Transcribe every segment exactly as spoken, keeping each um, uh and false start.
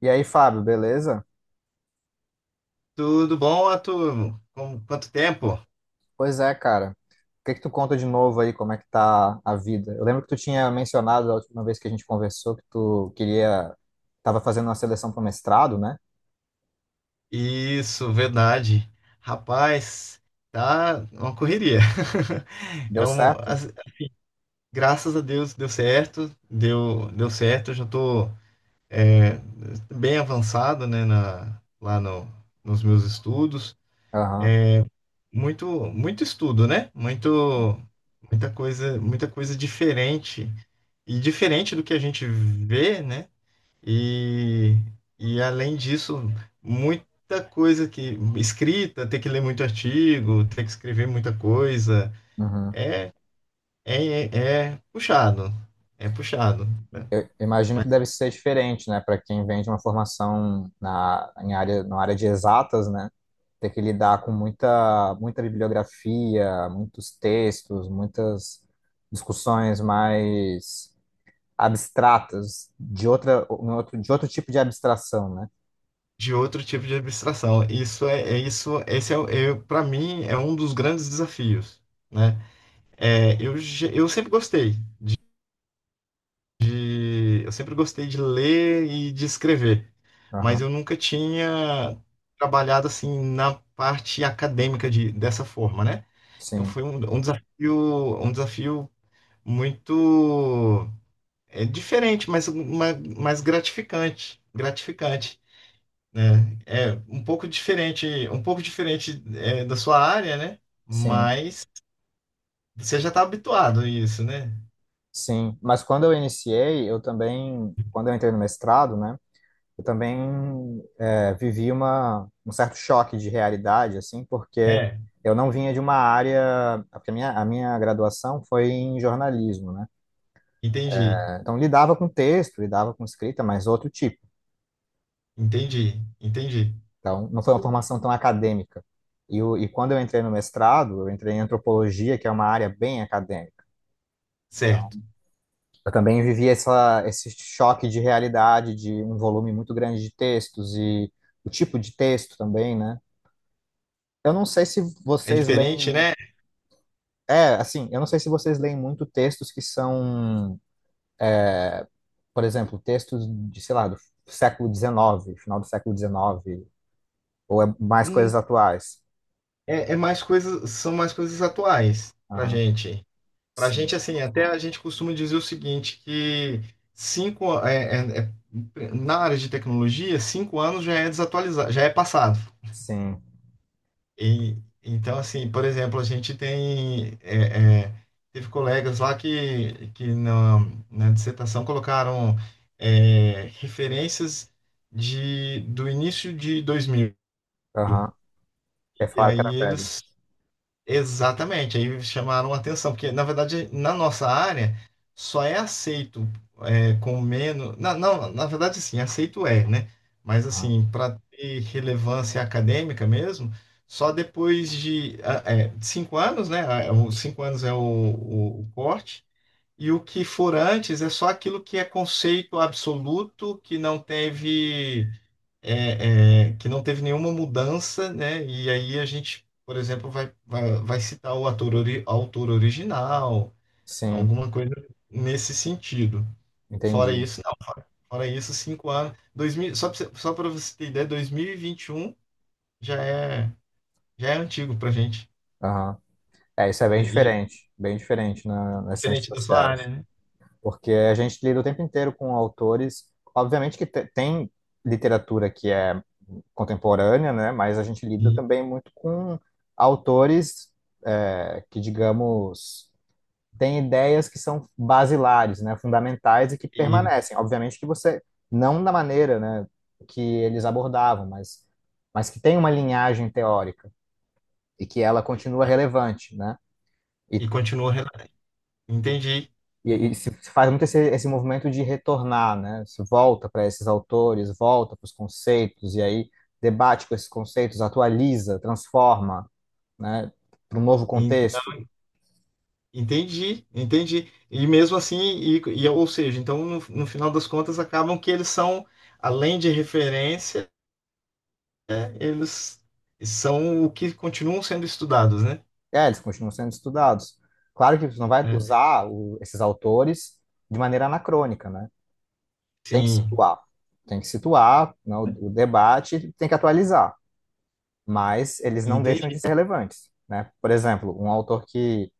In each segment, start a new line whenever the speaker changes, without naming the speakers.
E aí, Fábio, beleza?
Tudo bom, Arthur? Com quanto tempo?
Pois é, cara. O que que tu conta de novo aí? Como é que tá a vida? Eu lembro que tu tinha mencionado a última vez que a gente conversou que tu queria, tava fazendo uma seleção para mestrado, né?
Isso, verdade. Rapaz, tá uma correria.
Deu
É um,
certo?
as- Graças a Deus deu certo, deu, deu certo. Já tô é, bem avançado, né, na, lá no, nos meus estudos.
Aham.
Muito, muito estudo, né? Muito, muita coisa, muita coisa diferente e diferente do que a gente vê, né? E, e além disso, muita coisa que escrita, ter que ler muito artigo, ter que escrever muita coisa,
Uhum.
é, é, é é puxado, é puxado, né?
Imagino
Mas
que deve ser diferente, né, para quem vem de uma formação na em área, na área de exatas, né? Ter que lidar com muita muita bibliografia, muitos textos, muitas discussões mais abstratas, de outra, um outro, de outro tipo de abstração, né?
de outro tipo de abstração. Isso é, é isso, esse é, o- é Para mim é um dos grandes desafios, né? É, eu, ge- eu sempre gostei eu sempre gostei de ler e de escrever, mas
Aham,
eu nunca tinha trabalhado assim na parte acadêmica de, dessa forma, né? Então
sim,
foi um, um desafio, um desafio muito é, diferente, mas ma- mais gratificante, gratificante, né? É um pouco diferente, um pouco diferente é, da sua área, né?
sim,
Mas você já está habituado a isso, né?
sim. Mas quando eu iniciei, eu também, quando eu entrei no mestrado, né? Eu também é, vivi uma, um certo choque de realidade, assim, porque
É,
eu não vinha de uma área, porque a minha, a minha graduação foi em jornalismo, né?
entendi,
Então lidava com texto, lidava com escrita, mas outro tipo.
entendi, entendi.
Então, não foi uma formação tão acadêmica. E, o- e quando eu entrei no mestrado, eu entrei em antropologia, que é uma área bem acadêmica.
Certo.
Eu também vivi essa, esse choque de realidade, de um volume muito grande de textos e o tipo de texto também, né? Eu não sei se
É
vocês
diferente,
leem.
né?
É, assim, eu não sei se vocês leem muito textos que são, por exemplo, textos de, sei lá, do século dezenove, final do século dezenove, ou é mais
Hum,
coisas atuais.
é, é mais coisas, são mais coisas atuais pra
Aham.
gente. Pra
Sim,
gente, assim, até a gente costuma dizer o seguinte, que cinco, é, é- é- na área de tecnologia, cinco anos já é desatualizado, já é passado.
sim.
E então, assim, por exemplo, a gente tem, é, é, teve colegas lá que, que na, na dissertação colocaram, é, referências de, do início de dois mil.
Aham. É
E
falar que
aí
era velho.
eles... Exatamente, aí chamaram a atenção, porque na verdade na nossa área só é aceito é, com menos. Não, não, na verdade sim, aceito é, né? Mas assim, para ter relevância acadêmica mesmo, só depois de ah, é, de cinco anos, né? Ah, os cinco anos é o, o, o corte, e o que for antes é só aquilo que é conceito absoluto, que não teve é, é, que não teve nenhuma mudança, né? E aí a gente, por exemplo, vai, vai, vai citar o ator, ori- autor original,
Sim,
alguma coisa nesse sentido. Fora
entendi.
isso, não. Fora isso, cinco anos. dois mil, só para só para você ter ideia, dois mil e e vinte e um já é, já é antigo para gente,
Aham. É, isso é bem
né? E
diferente, bem diferente na, nas ciências
diferente da sua
sociais,
área, né?
porque a gente lida o tempo inteiro com autores, obviamente que te- tem literatura que é contemporânea, né, mas a gente lida
E,
também muito com autores é, que, digamos, têm ideias que são basilares, né, fundamentais e que
e,
permanecem. Obviamente que você, não da maneira, né, que eles abordavam, mas, mas que tem uma linhagem teórica e que ela continua relevante, né? E,
e continua. rela- Entendi.
e, e se faz muito esse, esse movimento de retornar, né? Se volta para esses autores, volta para os conceitos, e aí debate com esses conceitos, atualiza, transforma, né? Para um novo contexto.
Entendi, entendi. E mesmo assim, e, e- ou seja, então no, no final das contas acabam que eles são, além de referência, né, eles são o que continuam sendo estudados, né?
É, eles continuam sendo estudados. Claro que você não vai
É.
usar o- esses autores de maneira anacrônica, né? Tem que
Sim,
situar. Tem que situar, né, o, o debate, tem que atualizar. Mas eles não deixam de
entendi,
ser relevantes, né? Por exemplo, um autor que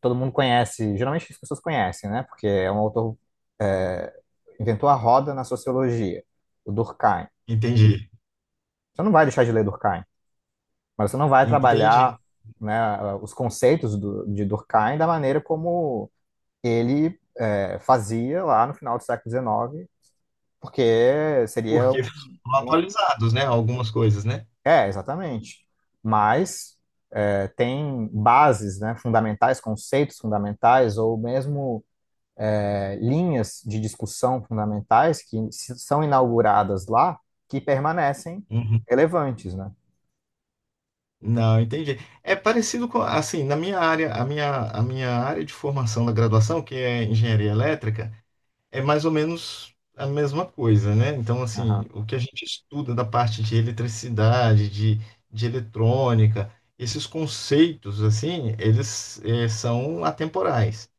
todo mundo conhece, geralmente as pessoas conhecem, né? Porque é um autor, é, inventou a roda na sociologia, o Durkheim.
entendi,
Você não vai deixar de ler Durkheim, mas você não vai
entendi.
trabalhar, né, os conceitos do, de Durkheim da maneira como ele é, fazia lá no final do século dezenove, porque seria. um-
Porque foram
um,
atualizados, né? Algumas coisas, né?
É, exatamente. Mas é, tem bases, né, fundamentais, conceitos fundamentais, ou mesmo é, linhas de discussão fundamentais que são inauguradas lá que permanecem
Uhum.
relevantes, né?
Não, entendi. É parecido com, assim, na minha área, a minha, a minha área de formação da graduação, que é engenharia elétrica, é mais ou menos a mesma coisa, né? Então,
Aham,
assim, o que a gente estuda da parte de eletricidade, de, de eletrônica, esses conceitos, assim, eles eh, são atemporais.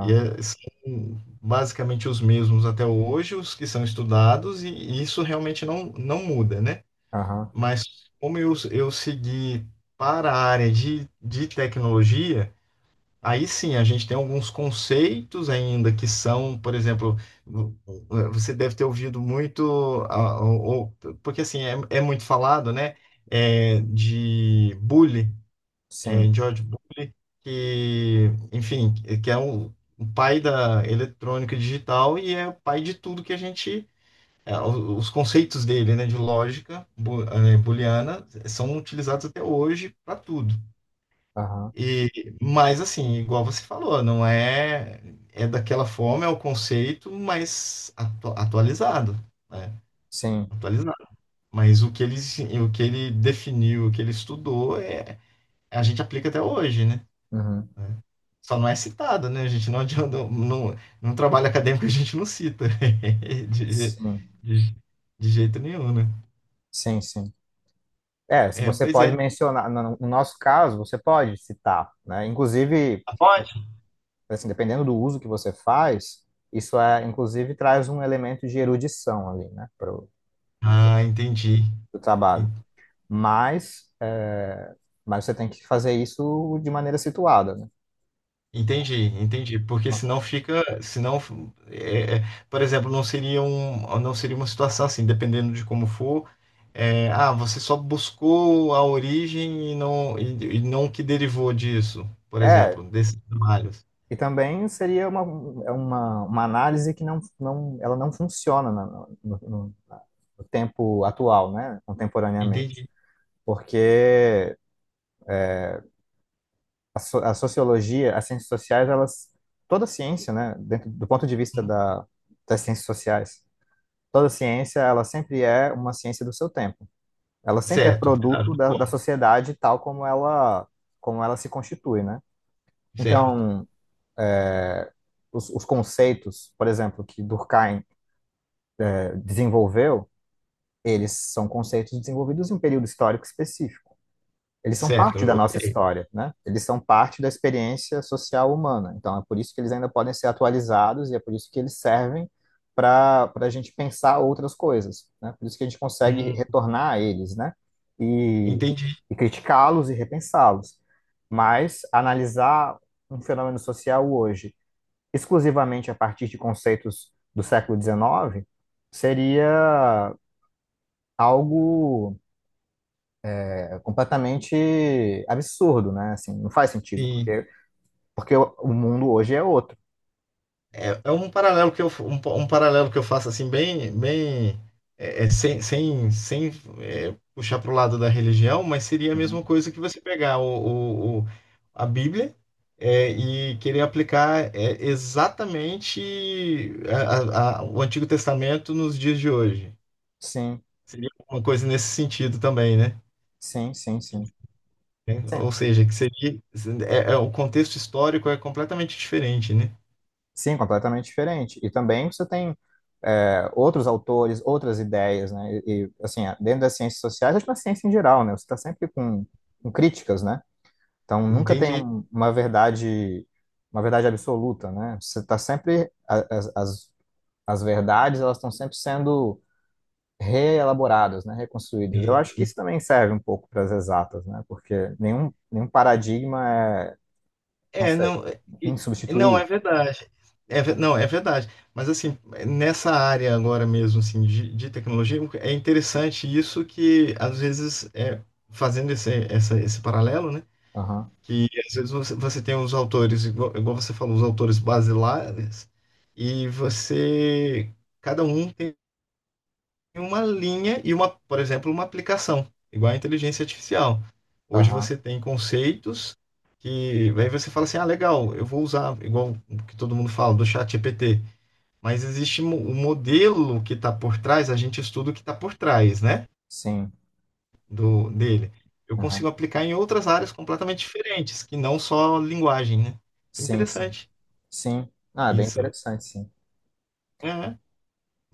E eh, são basicamente os mesmos até hoje, os que são estudados, e, e isso realmente não, não muda, né?
aham,
Mas como eu, eu segui para a área de, de tecnologia, aí sim, a gente tem alguns conceitos ainda que são, por exemplo, vo- você deve ter ouvido muito, ah, ou- ou- porque assim, é, é muito falado, né? É, de Bully,
sim,
é, George Bully, que, enfim, que é o, o pai da eletrônica digital e é o pai de tudo que a gente. É, o- os conceitos dele, né, de lógica bu- eh, booleana são utilizados até hoje para tudo.
aham,
E mas assim, igual você falou, não é é daquela forma, é o conceito, mas atu- atualizado, né?
sim,
Atualizado. Mas o que ele, se- o que ele definiu, o que ele estudou, é, a gente aplica até hoje, né?
uhum,
Né? Só não é citado, né? A gente não adianta, não, não trabalho acadêmico, a gente não cita de, je-
sim,
de, de jeito nenhum, né?
sim, sim. É, se
É,
você
pois é.
pode mencionar, no no nosso caso, você pode citar, né? Inclusive,
Pode?
assim, dependendo do uso que você faz, isso é, inclusive, traz um elemento de erudição ali, né, para o
Ah, entendi.
trabalho. Mas, é, mas você tem que fazer isso de maneira situada, né?
Entendi, entendi, porque senão fica, senão, é, é, por exemplo, não seria um, não seria uma situação assim, dependendo de como for, é, ah, você só buscou a origem e não, e, e não o que derivou disso, por
É,
exemplo, desses trabalhos.
e também seria uma, é uma, uma análise que não, não, ela não funciona na- no, no- na- no tempo atual, né? Contemporaneamente.
Entendi.
Porque a, so- a sociologia, as ciências sociais, elas, toda ciência, né? Dentro, do ponto de vista
Hum,
da, das ciências sociais, toda ciência, ela sempre é uma ciência do seu tempo. Ela sempre é
Certo, é verdade,
produto da, da
concordo.
sociedade tal como ela, como ela se constitui, né?
Certo,
Então, os, os conceitos, por exemplo, que Durkheim desenvolveu, eles são conceitos desenvolvidos em um período histórico específico. Eles são parte da
certo, ok.
nossa história, né? Eles são parte da experiência social humana. Então, é por isso que eles ainda podem ser atualizados e é por isso que eles servem para a gente pensar outras coisas, né? Por isso que a gente consegue
Hum,
retornar a eles, né? E,
entendi,
e criticá-los e repensá-los. Mas analisar um fenômeno social hoje exclusivamente a partir de conceitos do século dezenove seria algo é, completamente absurdo, né? Assim, não faz sentido,
sim.
porque, porque o o mundo hoje é outro.
É, é um paralelo que eu, um, um paralelo que eu faço assim bem, bem é, é, sem, sem, sem é, puxar para o lado da religião, mas seria a
Uhum.
mesma coisa que você pegar o, o- o- a Bíblia é, e querer aplicar é, exatamente a- a- a- o Antigo Testamento nos dias de hoje.
Sim,
Seria uma coisa nesse sentido também, né?
sim, sim, sim.
É,
Sim,
ou seja, que seria é, é, o contexto histórico é completamente diferente, né?
sim, completamente diferente. E também você tem é, outros autores, outras ideias, né? E, e, assim, dentro das ciências sociais, acho que na ciência em geral, né? Você está sempre com, com críticas, né? Então, nunca tem
Entende?
um- uma verdade, uma verdade absoluta, né? Você está sempre, a- as, as, as verdades, elas estão sempre sendo reelaboradas, né, reconstruídas. Eu
É,
acho que isso também serve um pouco para as exatas, né, porque nenhum, nenhum paradigma é, não
é,
sei,
não, e- e não é
insubstituível.
verdade. É, ve- não, é verdade. Mas assim, nessa área agora mesmo, assim, de, de tecnologia, é interessante isso que às vezes é, fazendo esse, essa- esse paralelo, né?
Aham,
Que às vezes você, você tem os autores, igual, igual você falou, os autores basilares, e você, cada um tem em uma linha e uma, por exemplo, uma aplicação, igual à inteligência artificial. Hoje
aham,
você tem conceitos que aí você fala assim, ah, legal, eu vou usar, igual o que todo mundo fala do chat G P T, mas existe mo- o modelo que está por trás, a gente estuda o que está por trás, né,
sim,
do dele. Eu
aham,
consigo aplicar em outras áreas completamente diferentes, que não só linguagem, né? Isso é
sim, sim,
interessante.
sim. Ah, é bem
Isso
interessante, sim,
é,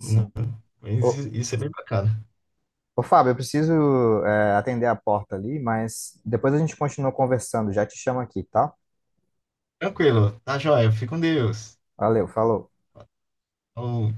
né? Mas
Ô,
i- isso é bem bacana.
ô Fábio, eu preciso é, atender a porta ali, mas depois a gente continua conversando, já te chamo aqui, tá?
Tranquilo, tá joia, fica com Deus.
Valeu, falou.
Falou,